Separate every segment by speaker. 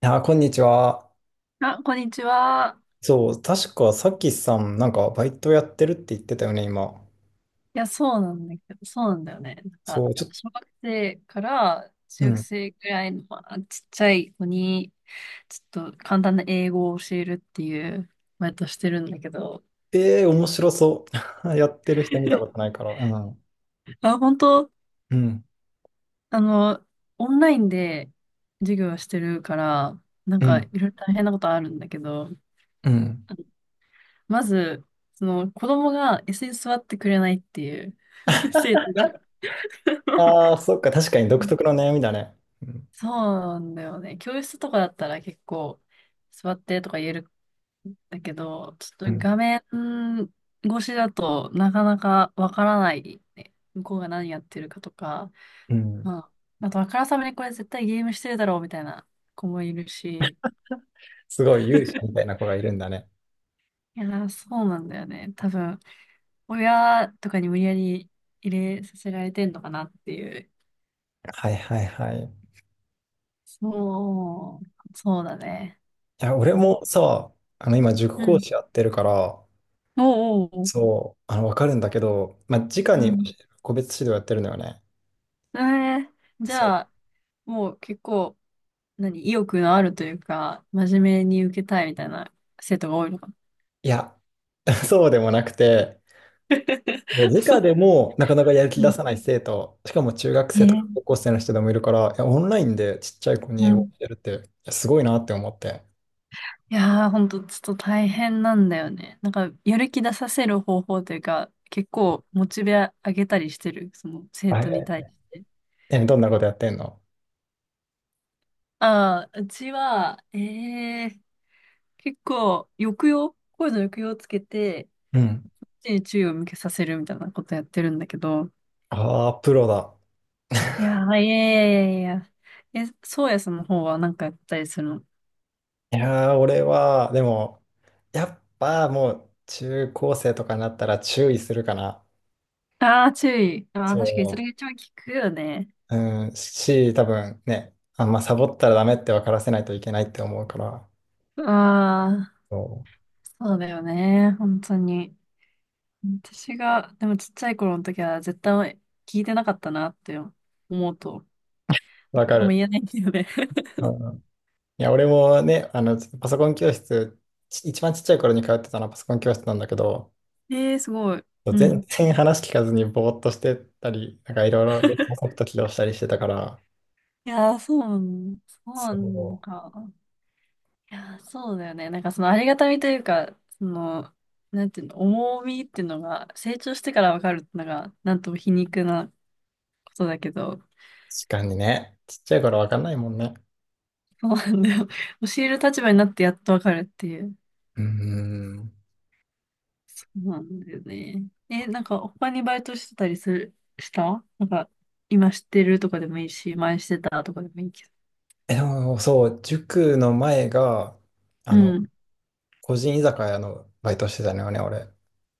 Speaker 1: いやー、こんにちは。
Speaker 2: あ、こんにちは。
Speaker 1: そう、確かさきさん、なんかバイトやってるって言ってたよね、今。
Speaker 2: いや、そうなんだけど、そうなんだよね。なん
Speaker 1: そ
Speaker 2: か、
Speaker 1: う、ちょっと、
Speaker 2: 小学生から中
Speaker 1: う
Speaker 2: 学
Speaker 1: ん。
Speaker 2: 生くらいの、まあ、ちっちゃい子に、ちょっと簡単な英語を教えるっていう、バイトしてるんだけど、
Speaker 1: ええー面白そう。やってる人見たこと ないから。うん。
Speaker 2: あ、本当、
Speaker 1: うん。
Speaker 2: あの、オンラインで授業をしてるから、なん
Speaker 1: う
Speaker 2: かい
Speaker 1: ん。
Speaker 2: ろいろ大変なことあるんだけど、
Speaker 1: うん。
Speaker 2: まず、その子供が椅子に座ってくれないっていう 生徒が。
Speaker 1: ああ、そっか、確かに独特の悩みだね。うん。
Speaker 2: そうなんだよね。教室とかだったら結構座ってとか言えるんだけど、ちょ
Speaker 1: う
Speaker 2: っと
Speaker 1: ん。
Speaker 2: 画面越しだとなかなかわからないね。向こうが何やってるかとか、
Speaker 1: うん。
Speaker 2: まあ、あとあからさまにこれ絶対ゲームしてるだろうみたいな子もいるし、
Speaker 1: すごい勇者みた いな子がいるんだね。
Speaker 2: いやー、そうなんだよね。多分、親とかに無理やり入れさせられてんのかなっていう。
Speaker 1: はいはいはい。い
Speaker 2: そう、そうだね。
Speaker 1: や、俺
Speaker 2: それが。
Speaker 1: もさ、今、塾
Speaker 2: う
Speaker 1: 講
Speaker 2: ん。
Speaker 1: 師やってるから、
Speaker 2: おうおうおう。
Speaker 1: そう、わかるんだけど、直
Speaker 2: う
Speaker 1: に教え
Speaker 2: ん。
Speaker 1: る個別指導やってるのよね。
Speaker 2: えー、じゃあ、もう結構、何、意欲のあるというか、真面目に受けたいみたいな生徒が多いのかな。
Speaker 1: いや、そうでもなくて、もう
Speaker 2: そ
Speaker 1: 直
Speaker 2: う。
Speaker 1: でもなかなかやる気
Speaker 2: う
Speaker 1: 出
Speaker 2: ん。
Speaker 1: さない生徒、しかも中学
Speaker 2: え
Speaker 1: 生とか
Speaker 2: ー
Speaker 1: 高校生の人でもいるから、いや、オンラインでちっちゃい子に
Speaker 2: う
Speaker 1: 英語を
Speaker 2: ん。
Speaker 1: 教えるって、いやすごいなって思って。
Speaker 2: いやー、ほんと、ちょっと大変なんだよね。なんか、やる気出させる方法というか、結構、モチベ上げたりしてる、その、生
Speaker 1: あ、
Speaker 2: 徒に対して。
Speaker 1: どんなことやってんの？
Speaker 2: ああ、うちは、え結構、抑揚、声の抑揚をつけて、
Speaker 1: うん。
Speaker 2: 一日に注意を向けさせるみたいなことやってるんだけど、
Speaker 1: ああ、プロだ。
Speaker 2: いや ー、いやいやいやいや。そうやさんの方はなんかやったりするの？
Speaker 1: いやー、俺は、でも、やっぱもう中高生とかになったら注意するかな。
Speaker 2: ああー、注意。ああ、確かにそ
Speaker 1: そ
Speaker 2: れが一番効くよね。
Speaker 1: う。うん、多分ね、あんまサボったらダメって分からせないといけないって思うから。
Speaker 2: ああ、
Speaker 1: そ
Speaker 2: そうだよね。本当に。私が、でもちっちゃい頃の時は絶対聞いてなかったなって思うと、
Speaker 1: う。わか
Speaker 2: もう
Speaker 1: る。
Speaker 2: 言えないんだよね。
Speaker 1: いや、俺もね、パソコン教室、一番ちっちゃい頃に通ってたのはパソコン教室なんだけど、
Speaker 2: ええー、すごい。う
Speaker 1: 全
Speaker 2: ん。
Speaker 1: 然話聞かずにぼーっとしてたり、なんかいろいろ別のソフト起動したりしてたから、
Speaker 2: いやー、そうなん、そうな
Speaker 1: そ
Speaker 2: の
Speaker 1: う、
Speaker 2: か。いやー、そうだよね。なんかそのありがたみというか、その、なんていうの、重みっていうのが、成長してからわかるっていうのが、なんとも皮肉なことだけど、
Speaker 1: 確かにね、ちっちゃい頃わかんないもんね。
Speaker 2: そうなんだよ。教える立場になってやっとわかるっていう。
Speaker 1: うーん。
Speaker 2: そうなんだよね。なんか他にバイトしてたりする、したなんか、今知ってるとかでもいいし、前してたとかでもいいけど。
Speaker 1: え、でもそう、塾の前が、あ
Speaker 2: う
Speaker 1: の、
Speaker 2: ん。
Speaker 1: 個人居酒屋のバイトしてたのよね、俺。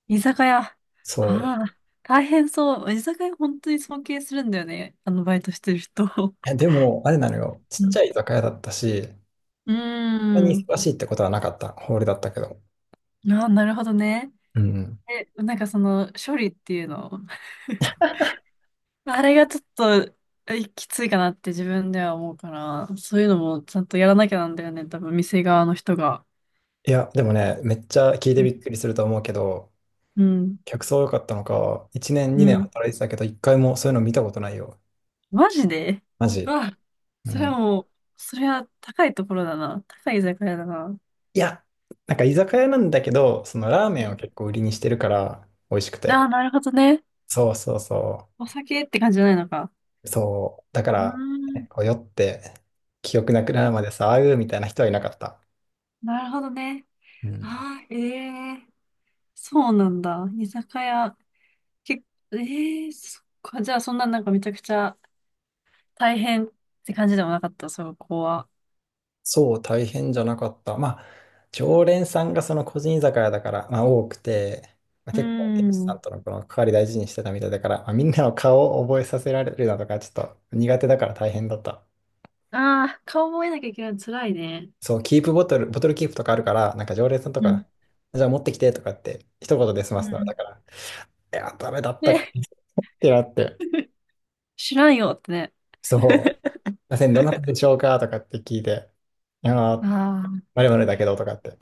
Speaker 2: 居酒屋。あ
Speaker 1: そ
Speaker 2: あ、大変そう。居酒屋本当に尊敬するんだよね。あのバイトしてる人。
Speaker 1: う。え、でも、あれなのよ、ちっ
Speaker 2: う
Speaker 1: ち
Speaker 2: ん。
Speaker 1: ゃい居酒屋だったし、そ
Speaker 2: うー
Speaker 1: んなに
Speaker 2: ん。
Speaker 1: 忙しいってことはなかった、ホールだったけど。
Speaker 2: ああ、なるほどね。
Speaker 1: うん。
Speaker 2: なんかその処理っていうの、あれがちょっときついかなって自分では思うから、そういうのもちゃんとやらなきゃなんだよね、多分店側の人が。
Speaker 1: いや、でもね、めっちゃ聞いてびっくりすると思うけど、
Speaker 2: うん、
Speaker 1: 客層良かったのか、1年、
Speaker 2: う
Speaker 1: 2年
Speaker 2: ん。
Speaker 1: 働いてたけど、1回もそういうの見たことないよ。
Speaker 2: マジで。
Speaker 1: マ
Speaker 2: う
Speaker 1: ジ。
Speaker 2: わ、
Speaker 1: う
Speaker 2: それ
Speaker 1: ん。
Speaker 2: はもう、それは高いところだな。高い居酒屋だな。
Speaker 1: いや、なんか居酒屋なんだけど、そのラーメ
Speaker 2: う
Speaker 1: ンを
Speaker 2: ん。
Speaker 1: 結構売りにしてるから、美味しく
Speaker 2: あ
Speaker 1: て。
Speaker 2: あ、なるほどね。
Speaker 1: そうそうそ
Speaker 2: お酒って感じじゃないのか。
Speaker 1: う。そう。だか
Speaker 2: うー
Speaker 1: ら、ね
Speaker 2: ん、
Speaker 1: こう酔って、記憶なくなるまでさ、あうみたいな人はいなかった。
Speaker 2: なるほどね。
Speaker 1: うん。
Speaker 2: ああ、えそうなんだ。居酒屋。け、そっか。じゃあ、そんななんかめちゃくちゃ大変って感じでもなかった、そこは。
Speaker 1: そう、大変じゃなかった。まあ、常連さんがその個人居酒屋だから、まあ、多くて、まあ、
Speaker 2: うー
Speaker 1: 結構、店主さん
Speaker 2: ん。
Speaker 1: とのこの関わり大事にしてたみたいだから、まあ、みんなの顔を覚えさせられるなとか、ちょっと苦手だから大変だった。
Speaker 2: ああ、顔覚えなきゃいけないの辛いね。
Speaker 1: そう、キープボトル、ボトルキープとかあるから、なんか常連さんと
Speaker 2: うん。
Speaker 1: か、じゃあ持ってきてとかって、一言で済ま
Speaker 2: う
Speaker 1: すの。だ
Speaker 2: ん。
Speaker 1: から、いや、ダメだったっ
Speaker 2: ね、
Speaker 1: てなって、
Speaker 2: 知らんよってね。
Speaker 1: そう、すいません、どなたでしょうかとかって聞いて、いやー、
Speaker 2: あ
Speaker 1: まるまるだけどとかって。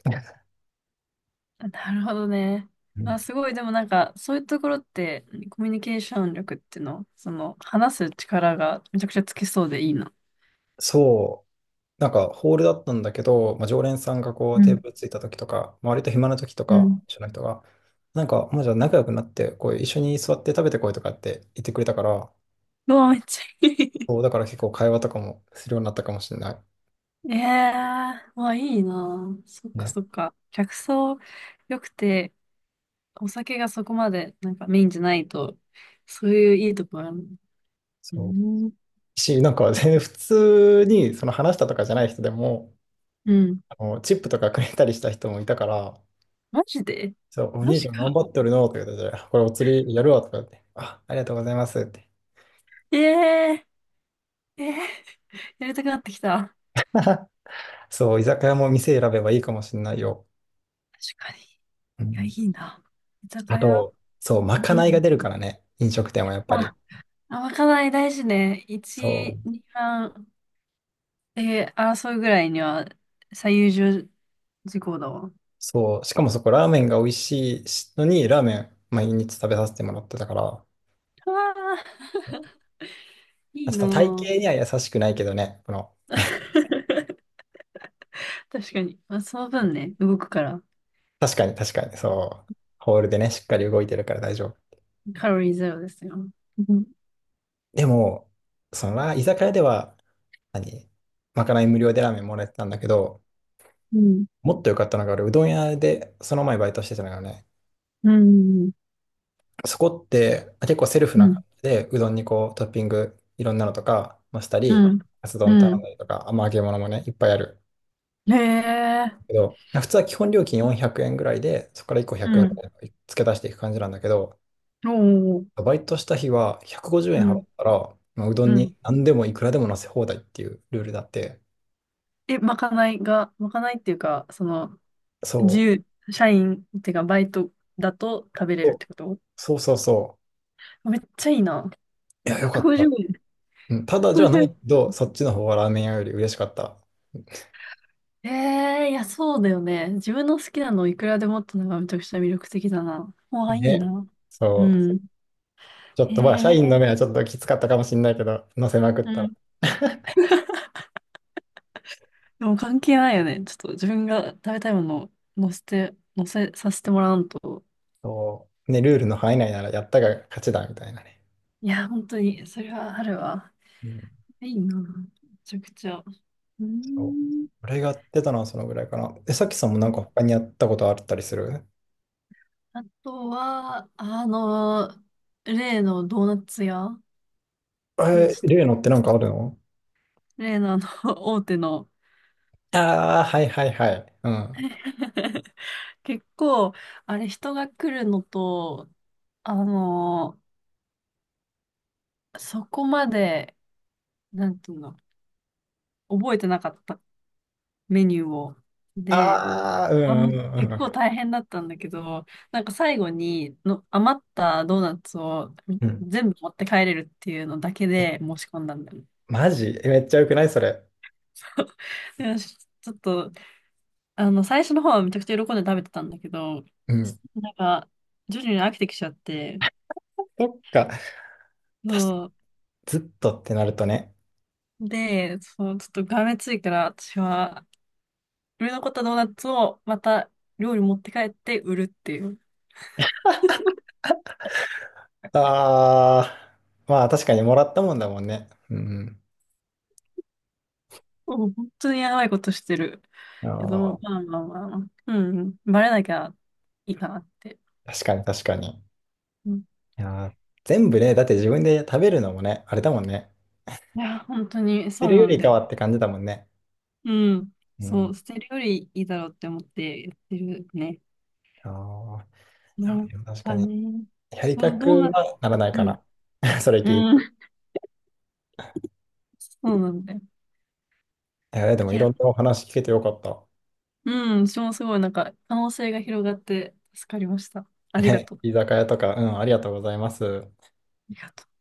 Speaker 2: あ、なるほどね。
Speaker 1: うん。
Speaker 2: あ、すごい。でもなんか、そういうところって、コミュニケーション力っていうの、その、話す力がめちゃくちゃつきそうでいいな。
Speaker 1: そう。なんかホールだったんだけど、まあ、常連さんがこう
Speaker 2: う
Speaker 1: テ
Speaker 2: ん。
Speaker 1: ーブルついた時とか、まあ、割と暇な時と
Speaker 2: う
Speaker 1: か、
Speaker 2: ん。
Speaker 1: 一緒の人が、なんかまあじゃあ仲良くなって、こう一緒に座って食べてこいとかって言ってくれたから、
Speaker 2: うわ、めっちゃいい。
Speaker 1: そうだから結構会話とかもするようになったかもしれな
Speaker 2: ええまあいいな。そっ
Speaker 1: い。
Speaker 2: か
Speaker 1: ね。
Speaker 2: そっか。客層良くて、お酒がそこまでなんかメインじゃないと、そういういいとこあるの。う
Speaker 1: そう。
Speaker 2: ん。
Speaker 1: なんか全然普通にその話したとかじゃない人でも、
Speaker 2: うん。
Speaker 1: あのチップとかくれたりした人もいたから、
Speaker 2: マジで。
Speaker 1: そう、お
Speaker 2: マ
Speaker 1: 兄ち
Speaker 2: ジ
Speaker 1: ゃん頑
Speaker 2: か。
Speaker 1: 張ってるのとか言ってて、これお釣りやるわとか言って、あ、ありがとうございますって。
Speaker 2: ええええやりたくなってきた。
Speaker 1: そう、居酒屋も店選べばいいかもしれないよ。
Speaker 2: 確かに。い
Speaker 1: う
Speaker 2: や、い
Speaker 1: ん。
Speaker 2: いな。居酒
Speaker 1: あ
Speaker 2: 屋。
Speaker 1: と、そう、まか
Speaker 2: う
Speaker 1: ないが
Speaker 2: ん。
Speaker 1: 出るからね、飲食店はやっぱり。
Speaker 2: あ、あ、まかない大事ね。
Speaker 1: そう、
Speaker 2: 1、2番で争うぐらいには最優秀事項だわ。
Speaker 1: そう、しかもそこ、ラーメンが美味しいのに、ラーメン毎日食べさせてもらってたから、
Speaker 2: うわあ、いい
Speaker 1: ちょっと体
Speaker 2: な。
Speaker 1: 型には優しくないけどね、この、
Speaker 2: 確かに。まあ、その分ね、動くから、
Speaker 1: 確かに確かに、そう、ホールでね、しっかり動いてるから大丈夫。
Speaker 2: カロリーゼロですよ。うん。
Speaker 1: でも、そのラ、居酒屋では、何、まかない無料でラーメンもらえてたんだけど、
Speaker 2: うん。
Speaker 1: もっと良かったのが、俺、うどん屋で、その前バイトしてたのよね。
Speaker 2: うん。
Speaker 1: そこって、あ、結構セルフ
Speaker 2: う
Speaker 1: な
Speaker 2: ん。
Speaker 1: 感じで、うどんにこうトッピングいろんなのとか、ました
Speaker 2: う
Speaker 1: り、
Speaker 2: ん。
Speaker 1: カツ丼頼ん
Speaker 2: う
Speaker 1: だりとか、あ、まあ揚げ物もね、いっぱいある
Speaker 2: ん。へえ。
Speaker 1: けど、普通は基本料金400円ぐらいで、そこから1個
Speaker 2: う
Speaker 1: 100円ぐ
Speaker 2: ん。
Speaker 1: らい付け足していく感じなんだけど、
Speaker 2: おお。
Speaker 1: バイトした日は150円
Speaker 2: う
Speaker 1: 払
Speaker 2: ん。
Speaker 1: ったら、まあうどん
Speaker 2: うん。
Speaker 1: に何でもいくらでも乗せ放題っていうルールだって、
Speaker 2: まかないが、まかないっていうか、その、自
Speaker 1: そ
Speaker 2: 由、社員っていうか、バイトだと食べれ
Speaker 1: う、
Speaker 2: るっ
Speaker 1: お、
Speaker 2: てこと。
Speaker 1: そうそうそ
Speaker 2: めっちゃいいな。
Speaker 1: いや、よかっ
Speaker 2: 150
Speaker 1: た。
Speaker 2: 円。
Speaker 1: うん、ただじゃない
Speaker 2: 150
Speaker 1: けど、そっちの方がラーメン屋より嬉しかった。
Speaker 2: えん。いや、そうだよね。自分の好きなのをいくらでもってのがめちゃくちゃ魅力的だな。わあ、いい
Speaker 1: ね。
Speaker 2: な。う
Speaker 1: そう。
Speaker 2: ん。
Speaker 1: ちょっ
Speaker 2: へ
Speaker 1: とまあ、社員
Speaker 2: え。
Speaker 1: の目はちょっときつかったかもしれないけど、乗せまくっ
Speaker 2: う
Speaker 1: たら。
Speaker 2: ん。でも関係ないよね。ちょっと自分が食べたいものを載せさせてもらわんと。
Speaker 1: そう。ね、ルールの範囲内ならやったが勝ちだ、みたいなね。
Speaker 2: いや、本当に、それはあるわ。
Speaker 1: うん。
Speaker 2: いいな。めちゃくちゃ。う
Speaker 1: そう。
Speaker 2: ん。
Speaker 1: 俺がやってたのはそのぐらいかな。え、さきさんもなんか他にやったことあったりする？
Speaker 2: あとは、例のドーナツ屋で、
Speaker 1: えー、例のってな
Speaker 2: ちょ
Speaker 1: ん
Speaker 2: っ
Speaker 1: か
Speaker 2: と
Speaker 1: あるの？
Speaker 2: 例の大手の。
Speaker 1: ああー、はいはいはい。うん。
Speaker 2: 結構、あれ、人が来るのと、あの、そこまで、なんていうの、覚えてなかったメニューを。で、
Speaker 1: ああ、うんうんうん
Speaker 2: 結
Speaker 1: う
Speaker 2: 構
Speaker 1: ん。
Speaker 2: 大変だったんだけど、なんか最後にの余ったドーナツを
Speaker 1: うん。
Speaker 2: 全部持って帰れるっていうのだけで申し込んだんだよね。
Speaker 1: マジ？え、めっちゃ良くないそれ？
Speaker 2: でちょっと、最初の方はめちゃくちゃ喜んで食べてたんだけど、
Speaker 1: うん。
Speaker 2: なんか、徐々に飽きてきちゃって、
Speaker 1: そっか。確か
Speaker 2: そう。
Speaker 1: ずっとってなるとね。
Speaker 2: で、そう、ちょっとがめついから、私は、売れ残ったドーナツをまた料理持って帰って売るっていう。
Speaker 1: ああ、まあ確かにもらったもんだもんね。うん。
Speaker 2: もう本当にやばいことしてる。
Speaker 1: うん。
Speaker 2: け
Speaker 1: あ
Speaker 2: ど、
Speaker 1: あ。
Speaker 2: まあまあまあまあ、うん、バレなきゃいいかなって。
Speaker 1: 確かに確かに。
Speaker 2: うん、
Speaker 1: いやー、全部ね、だって自分で食べるのもね、あれだもんね。
Speaker 2: いや、本当に
Speaker 1: 食べ
Speaker 2: そう
Speaker 1: るよ
Speaker 2: なん
Speaker 1: り
Speaker 2: だ
Speaker 1: か
Speaker 2: よ。
Speaker 1: はって感じだもんね。
Speaker 2: うん、
Speaker 1: う
Speaker 2: そ
Speaker 1: ん。
Speaker 2: う、捨てるよりいいだろうって思ってやってるね。
Speaker 1: あ
Speaker 2: な
Speaker 1: あ
Speaker 2: ん
Speaker 1: でも確
Speaker 2: か
Speaker 1: かに。
Speaker 2: ね、
Speaker 1: やりた
Speaker 2: そう、どう
Speaker 1: く
Speaker 2: な、
Speaker 1: はならないか
Speaker 2: うん、
Speaker 1: な。それ聞いて。
Speaker 2: うん、そうなんだよ。
Speaker 1: いやでも
Speaker 2: い
Speaker 1: い
Speaker 2: や、
Speaker 1: ろんなお話聞けてよかった。
Speaker 2: うん、私もすごいなんか可能性が広がって助かりました。ありが
Speaker 1: ね、
Speaker 2: とう。あ
Speaker 1: 居酒屋とか、うん、ありがとうございます。
Speaker 2: りがとう。